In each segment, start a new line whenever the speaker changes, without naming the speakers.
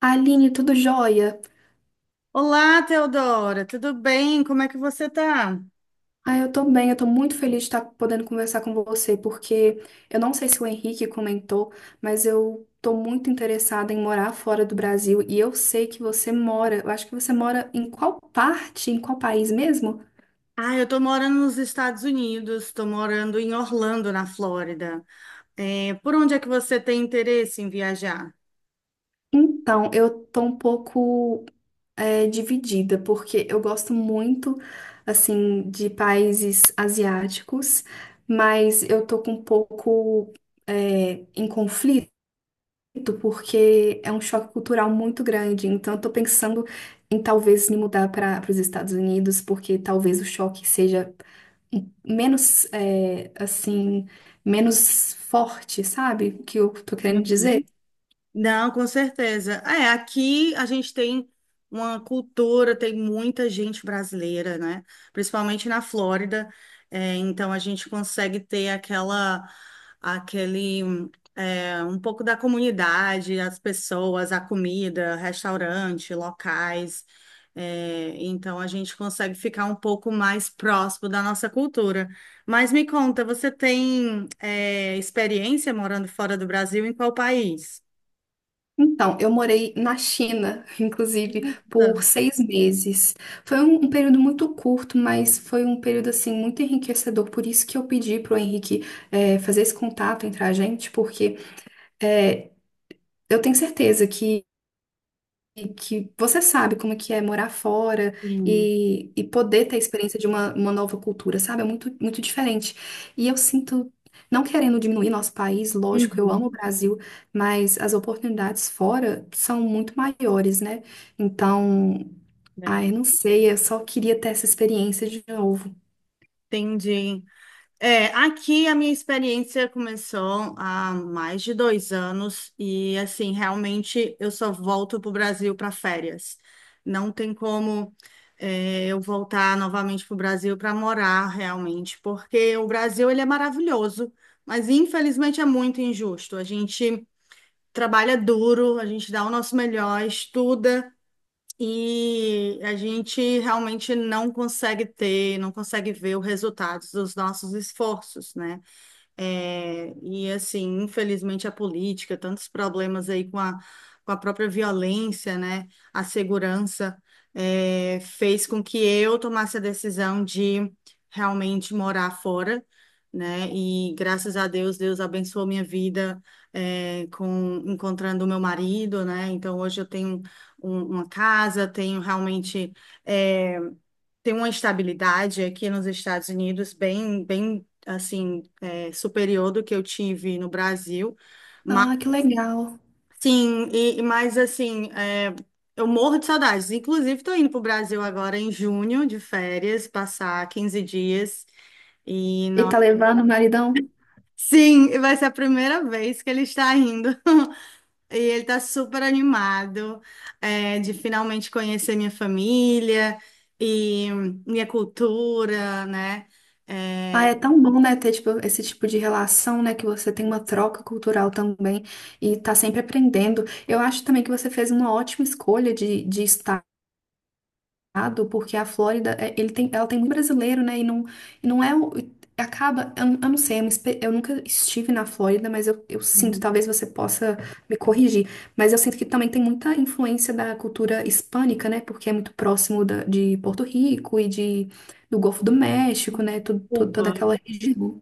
Aline, tudo jóia?
Olá, Teodora, tudo bem? Como é que você tá?
Ah, eu tô bem, eu tô muito feliz de estar podendo conversar com você, porque eu não sei se o Henrique comentou, mas eu tô muito interessada em morar fora do Brasil e eu sei que você mora, eu acho que você mora em qual parte, em qual país mesmo?
Ah, eu tô morando nos Estados Unidos, tô morando em Orlando, na Flórida. É, por onde é que você tem interesse em viajar?
Então, eu tô um pouco dividida, porque eu gosto muito, assim, de países asiáticos, mas eu tô com um pouco em conflito muito, porque é um choque cultural muito grande. Então, eu tô pensando em talvez me mudar para os Estados Unidos, porque talvez o choque seja menos, é, assim, menos forte, sabe? O que eu tô querendo
Uhum.
dizer?
Não, com certeza. É, aqui a gente tem uma cultura, tem muita gente brasileira, né? Principalmente na Flórida. É, então a gente consegue ter um pouco da comunidade, as pessoas, a comida, restaurante, locais. É, então a gente consegue ficar um pouco mais próximo da nossa cultura. Mas me conta, você tem, experiência morando fora do Brasil em qual país?
Então, eu morei na China, inclusive,
Nossa,
por seis meses. Foi um período muito curto, mas foi um período, assim, muito enriquecedor. Por isso que eu pedi pro Henrique, fazer esse contato entre a gente, porque, é, eu tenho certeza que e que você sabe como é que é morar fora
sim.
e poder ter a experiência de uma nova cultura, sabe? É muito, muito diferente. E eu sinto, não querendo diminuir nosso país, lógico, eu amo o
Uhum.
Brasil, mas as oportunidades fora são muito maiores, né? Então,
Verdade.
ai, não sei, eu só queria ter essa experiência de novo.
Entendi. É, aqui a minha experiência começou há mais de 2 anos e, assim, realmente eu só volto para o Brasil para férias. Não tem como, eu voltar novamente para o Brasil para morar realmente, porque o Brasil ele é maravilhoso, mas infelizmente é muito injusto. A gente trabalha duro, a gente dá o nosso melhor, estuda. E a gente realmente não consegue ter, não consegue ver os resultados dos nossos esforços, né? É, e assim, infelizmente a política, tantos problemas aí com a própria violência, né, a segurança, fez com que eu tomasse a decisão de realmente morar fora, né, e graças a Deus, Deus abençoou minha vida, com encontrando o meu marido, né, então hoje eu tenho uma casa, tenho realmente, é, tem uma estabilidade aqui nos Estados Unidos bem, bem assim, superior do que eu tive no Brasil. Mas,
Ah, que legal.
sim, mas assim, eu morro de saudades. Inclusive, estou indo para o Brasil agora em junho, de férias, passar 15 dias. E,
E
não...
tá levando o maridão?
Sim, vai ser a primeira vez que ele está indo. E ele tá super animado, de finalmente conhecer minha família e minha cultura, né?
Ah,
É,
é tão bom, né, ter tipo, esse tipo de relação, né, que você tem uma troca cultural também e tá sempre aprendendo. Eu acho também que você fez uma ótima escolha de estado, porque a Flórida, é, ele tem, ela tem muito brasileiro, né, e não é, acaba, eu não sei, eu, eu nunca estive na Flórida, mas eu sinto, talvez você possa me corrigir, mas eu sinto que também tem muita influência da cultura hispânica, né, porque é muito próximo de Porto Rico e de, do Golfo do México, né, toda
Cuba.
aquela região.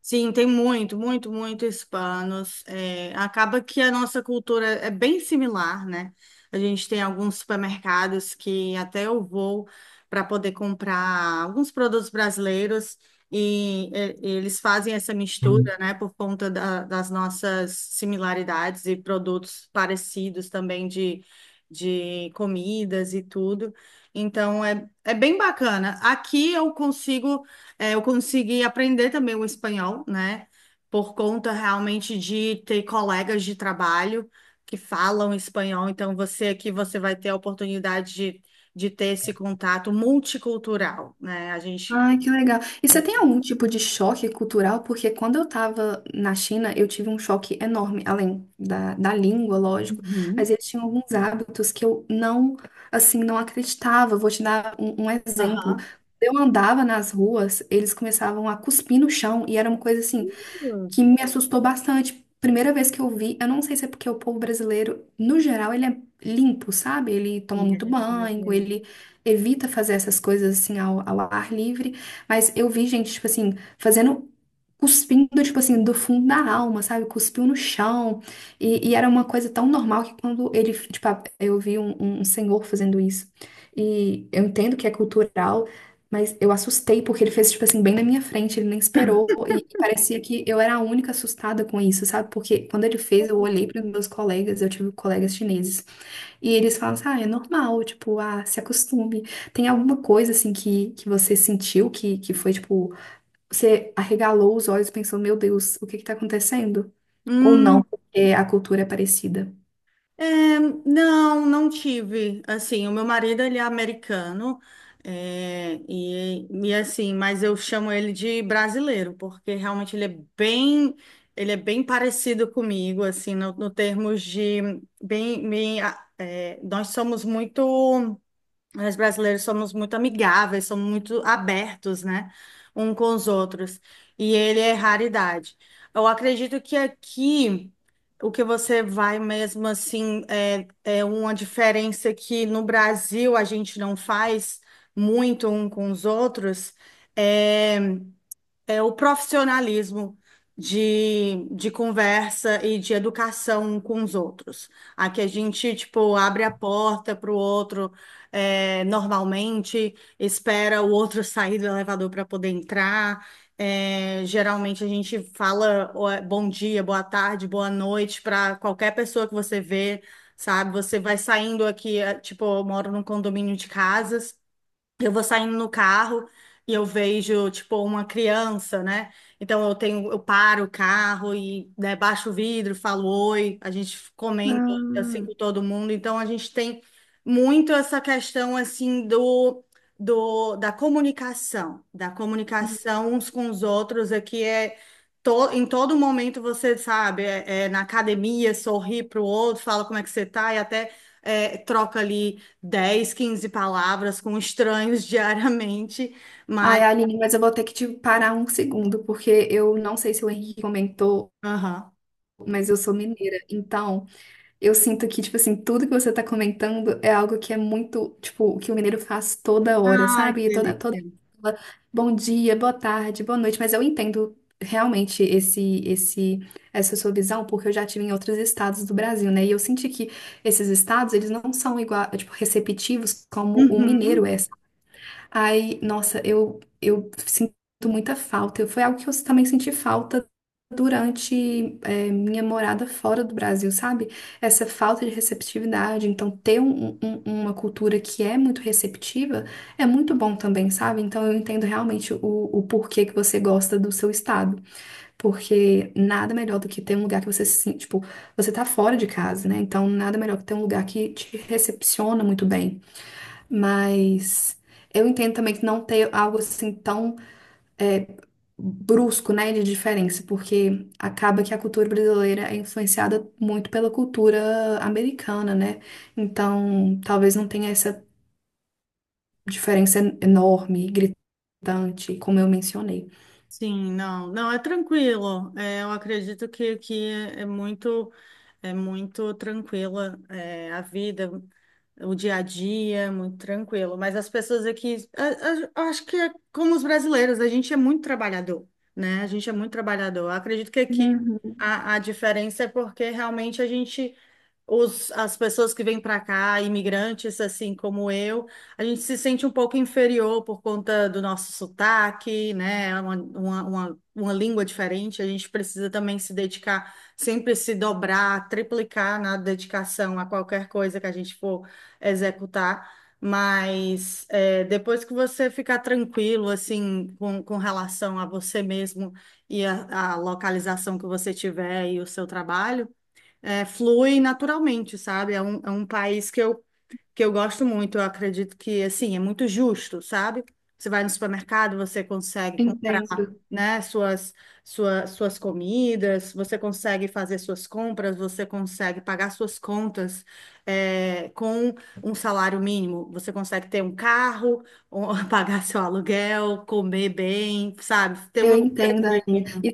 Sim, tem muito, muito, muito hispanos. É, acaba que a nossa cultura é bem similar, né? A gente tem alguns supermercados que até eu vou para poder comprar alguns produtos brasileiros e, eles fazem essa
Hum.
mistura, né? Por conta da- das nossas similaridades e produtos parecidos também de comidas e tudo. Então, é bem bacana. Aqui eu consigo. É, eu consegui aprender também o espanhol, né? Por conta realmente de ter colegas de trabalho que falam espanhol. Então, você aqui, você vai ter a oportunidade de ter esse contato multicultural, né? A gente.
Ai, que legal. E você tem algum tipo de choque cultural? Porque quando eu tava na China, eu tive um choque enorme, além da língua, lógico, mas
Uhum.
eles tinham alguns hábitos que eu não, assim, não acreditava. Vou te dar um exemplo.
Aham.
Eu andava nas ruas, eles começavam a cuspir no chão, e era uma coisa assim que
Hum.
me assustou bastante. Primeira vez que eu vi, eu não sei se é porque o povo brasileiro, no geral, ele é limpo, sabe? Ele toma
Sim, a
muito
gente tem
banho,
aqui.
ele evita fazer essas coisas assim ao ar livre, mas eu vi gente, tipo assim, fazendo. Cuspindo, tipo assim, do fundo da alma, sabe? Cuspiu no chão. E era uma coisa tão normal que quando ele, tipo, eu vi um um senhor fazendo isso. E eu entendo que é cultural, mas eu assustei porque ele fez, tipo assim, bem na minha frente, ele nem esperou. E parecia que eu era a única assustada com isso, sabe? Porque quando ele fez, eu olhei para os meus colegas, eu tive colegas chineses. E eles falam assim: ah, é normal, tipo, ah, se acostume. Tem alguma coisa, assim, que você sentiu que foi, tipo, você arregalou os olhos e pensou: meu Deus, o que que tá acontecendo? Ou não, porque a cultura é parecida.
É, não, não tive. Assim, o meu marido, ele é americano, e assim, mas eu chamo ele de brasileiro, porque realmente ele é bem parecido comigo, assim, no termos de, bem, bem, nós brasileiros somos muito amigáveis, somos muito abertos, né? Um com os outros. E ele é raridade. Eu acredito que aqui o que você vai mesmo assim é uma diferença que no Brasil a gente não faz muito um com os outros. é o profissionalismo de conversa e de educação um com os outros. Aqui a gente, tipo, abre a porta para o outro, normalmente, espera o outro sair do elevador para poder entrar. É, geralmente a gente fala ó, bom dia, boa tarde, boa noite para qualquer pessoa que você vê, sabe? Você vai saindo aqui, tipo, eu moro num condomínio de casas. Eu vou saindo no carro e eu vejo, tipo, uma criança, né? Então eu paro o carro e, né, baixo o vidro, falo oi, a gente comenta
Ah,
assim com todo mundo. Então a gente tem muito essa questão assim da comunicação uns com os outros. Aqui é em todo momento, você sabe, é na academia, sorri para o outro, fala como é que você tá e até troca ali 10, 15 palavras com estranhos diariamente,
Ai,
mas.
Aline, mas eu vou ter que te parar um segundo, porque eu não sei se o Henrique comentou,
Aham.
mas eu sou mineira. Então, eu sinto que, tipo assim, tudo que você tá comentando é algo que é muito, tipo, o que o mineiro faz toda hora,
Ai, que
sabe? Toda
delícia.
hora. Bom dia, boa tarde, boa noite. Mas eu entendo realmente essa sua visão, porque eu já tive em outros estados do Brasil, né? E eu senti que esses estados, eles não são igual, tipo, receptivos como o mineiro
Uhum.
é. Aí, nossa, eu sinto muita falta. Foi algo que eu também senti falta durante, é, minha morada fora do Brasil, sabe? Essa falta de receptividade. Então, ter uma cultura que é muito receptiva é muito bom também, sabe? Então, eu entendo realmente o porquê que você gosta do seu estado. Porque nada melhor do que ter um lugar que você se sente, tipo, você tá fora de casa, né? Então, nada melhor que ter um lugar que te recepciona muito bem. Mas eu entendo também que não ter algo assim tão é, brusco, né, de diferença, porque acaba que a cultura brasileira é influenciada muito pela cultura americana, né? Então, talvez não tenha essa diferença enorme, gritante, como eu mencionei.
Sim, não, não, é tranquilo. É, eu acredito que aqui é, é muito, é muito tranquila, a vida, o dia a dia, é muito tranquilo. Mas as pessoas aqui, eu acho que é como os brasileiros, a gente é muito trabalhador, né? A gente é muito trabalhador. Eu acredito que aqui
Uhum.
a diferença é porque realmente as pessoas que vêm para cá, imigrantes assim como eu, a gente se sente um pouco inferior por conta do nosso sotaque, né? É uma língua diferente, a gente precisa também se dedicar, sempre se dobrar, triplicar na dedicação a qualquer coisa que a gente for executar. Mas depois que você ficar tranquilo, assim, com relação a você mesmo e a localização que você tiver e o seu trabalho, flui naturalmente, sabe? É um país que eu, gosto muito. Eu acredito que, assim, é muito justo, sabe? Você vai no supermercado, você consegue comprar,
Entendo.
né, suas comidas, você consegue fazer suas compras, você consegue pagar suas contas, com um salário mínimo. Você consegue ter um carro, ou pagar seu aluguel, comer bem, sabe? Ter
Eu
uma vida
entendo, Aline.
digna.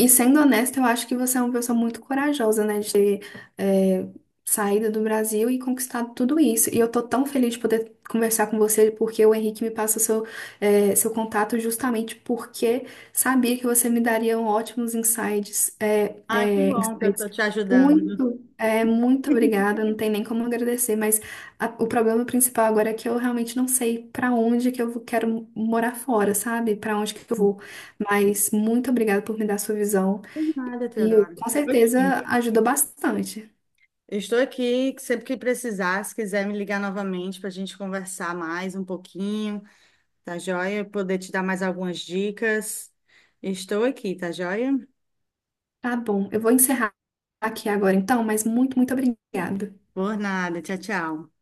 E sendo honesta, eu acho que você é uma pessoa muito corajosa, né, de ter é, saído do Brasil e conquistado tudo isso. E eu tô tão feliz de poder conversar com você, porque o Henrique me passa seu, seu contato justamente porque sabia que você me daria ótimos insights,
Ai, que bom que eu
insights.
tô te ajudando.
Muito, muito obrigada, não tem nem como agradecer, mas o problema principal agora é que eu realmente não sei pra onde que eu quero morar fora, sabe? Pra onde que eu vou. Mas muito obrigada por me dar sua visão
De nada,
e
Teodoro.
com
Ok.
certeza ajudou bastante.
Eu estou aqui, que sempre que precisar, se quiser me ligar novamente para a gente conversar mais um pouquinho, tá joia? Poder te dar mais algumas dicas. Estou aqui, tá joia?
Tá bom, eu vou encerrar aqui agora então, mas muito, muito obrigada.
Por nada, tchau, tchau.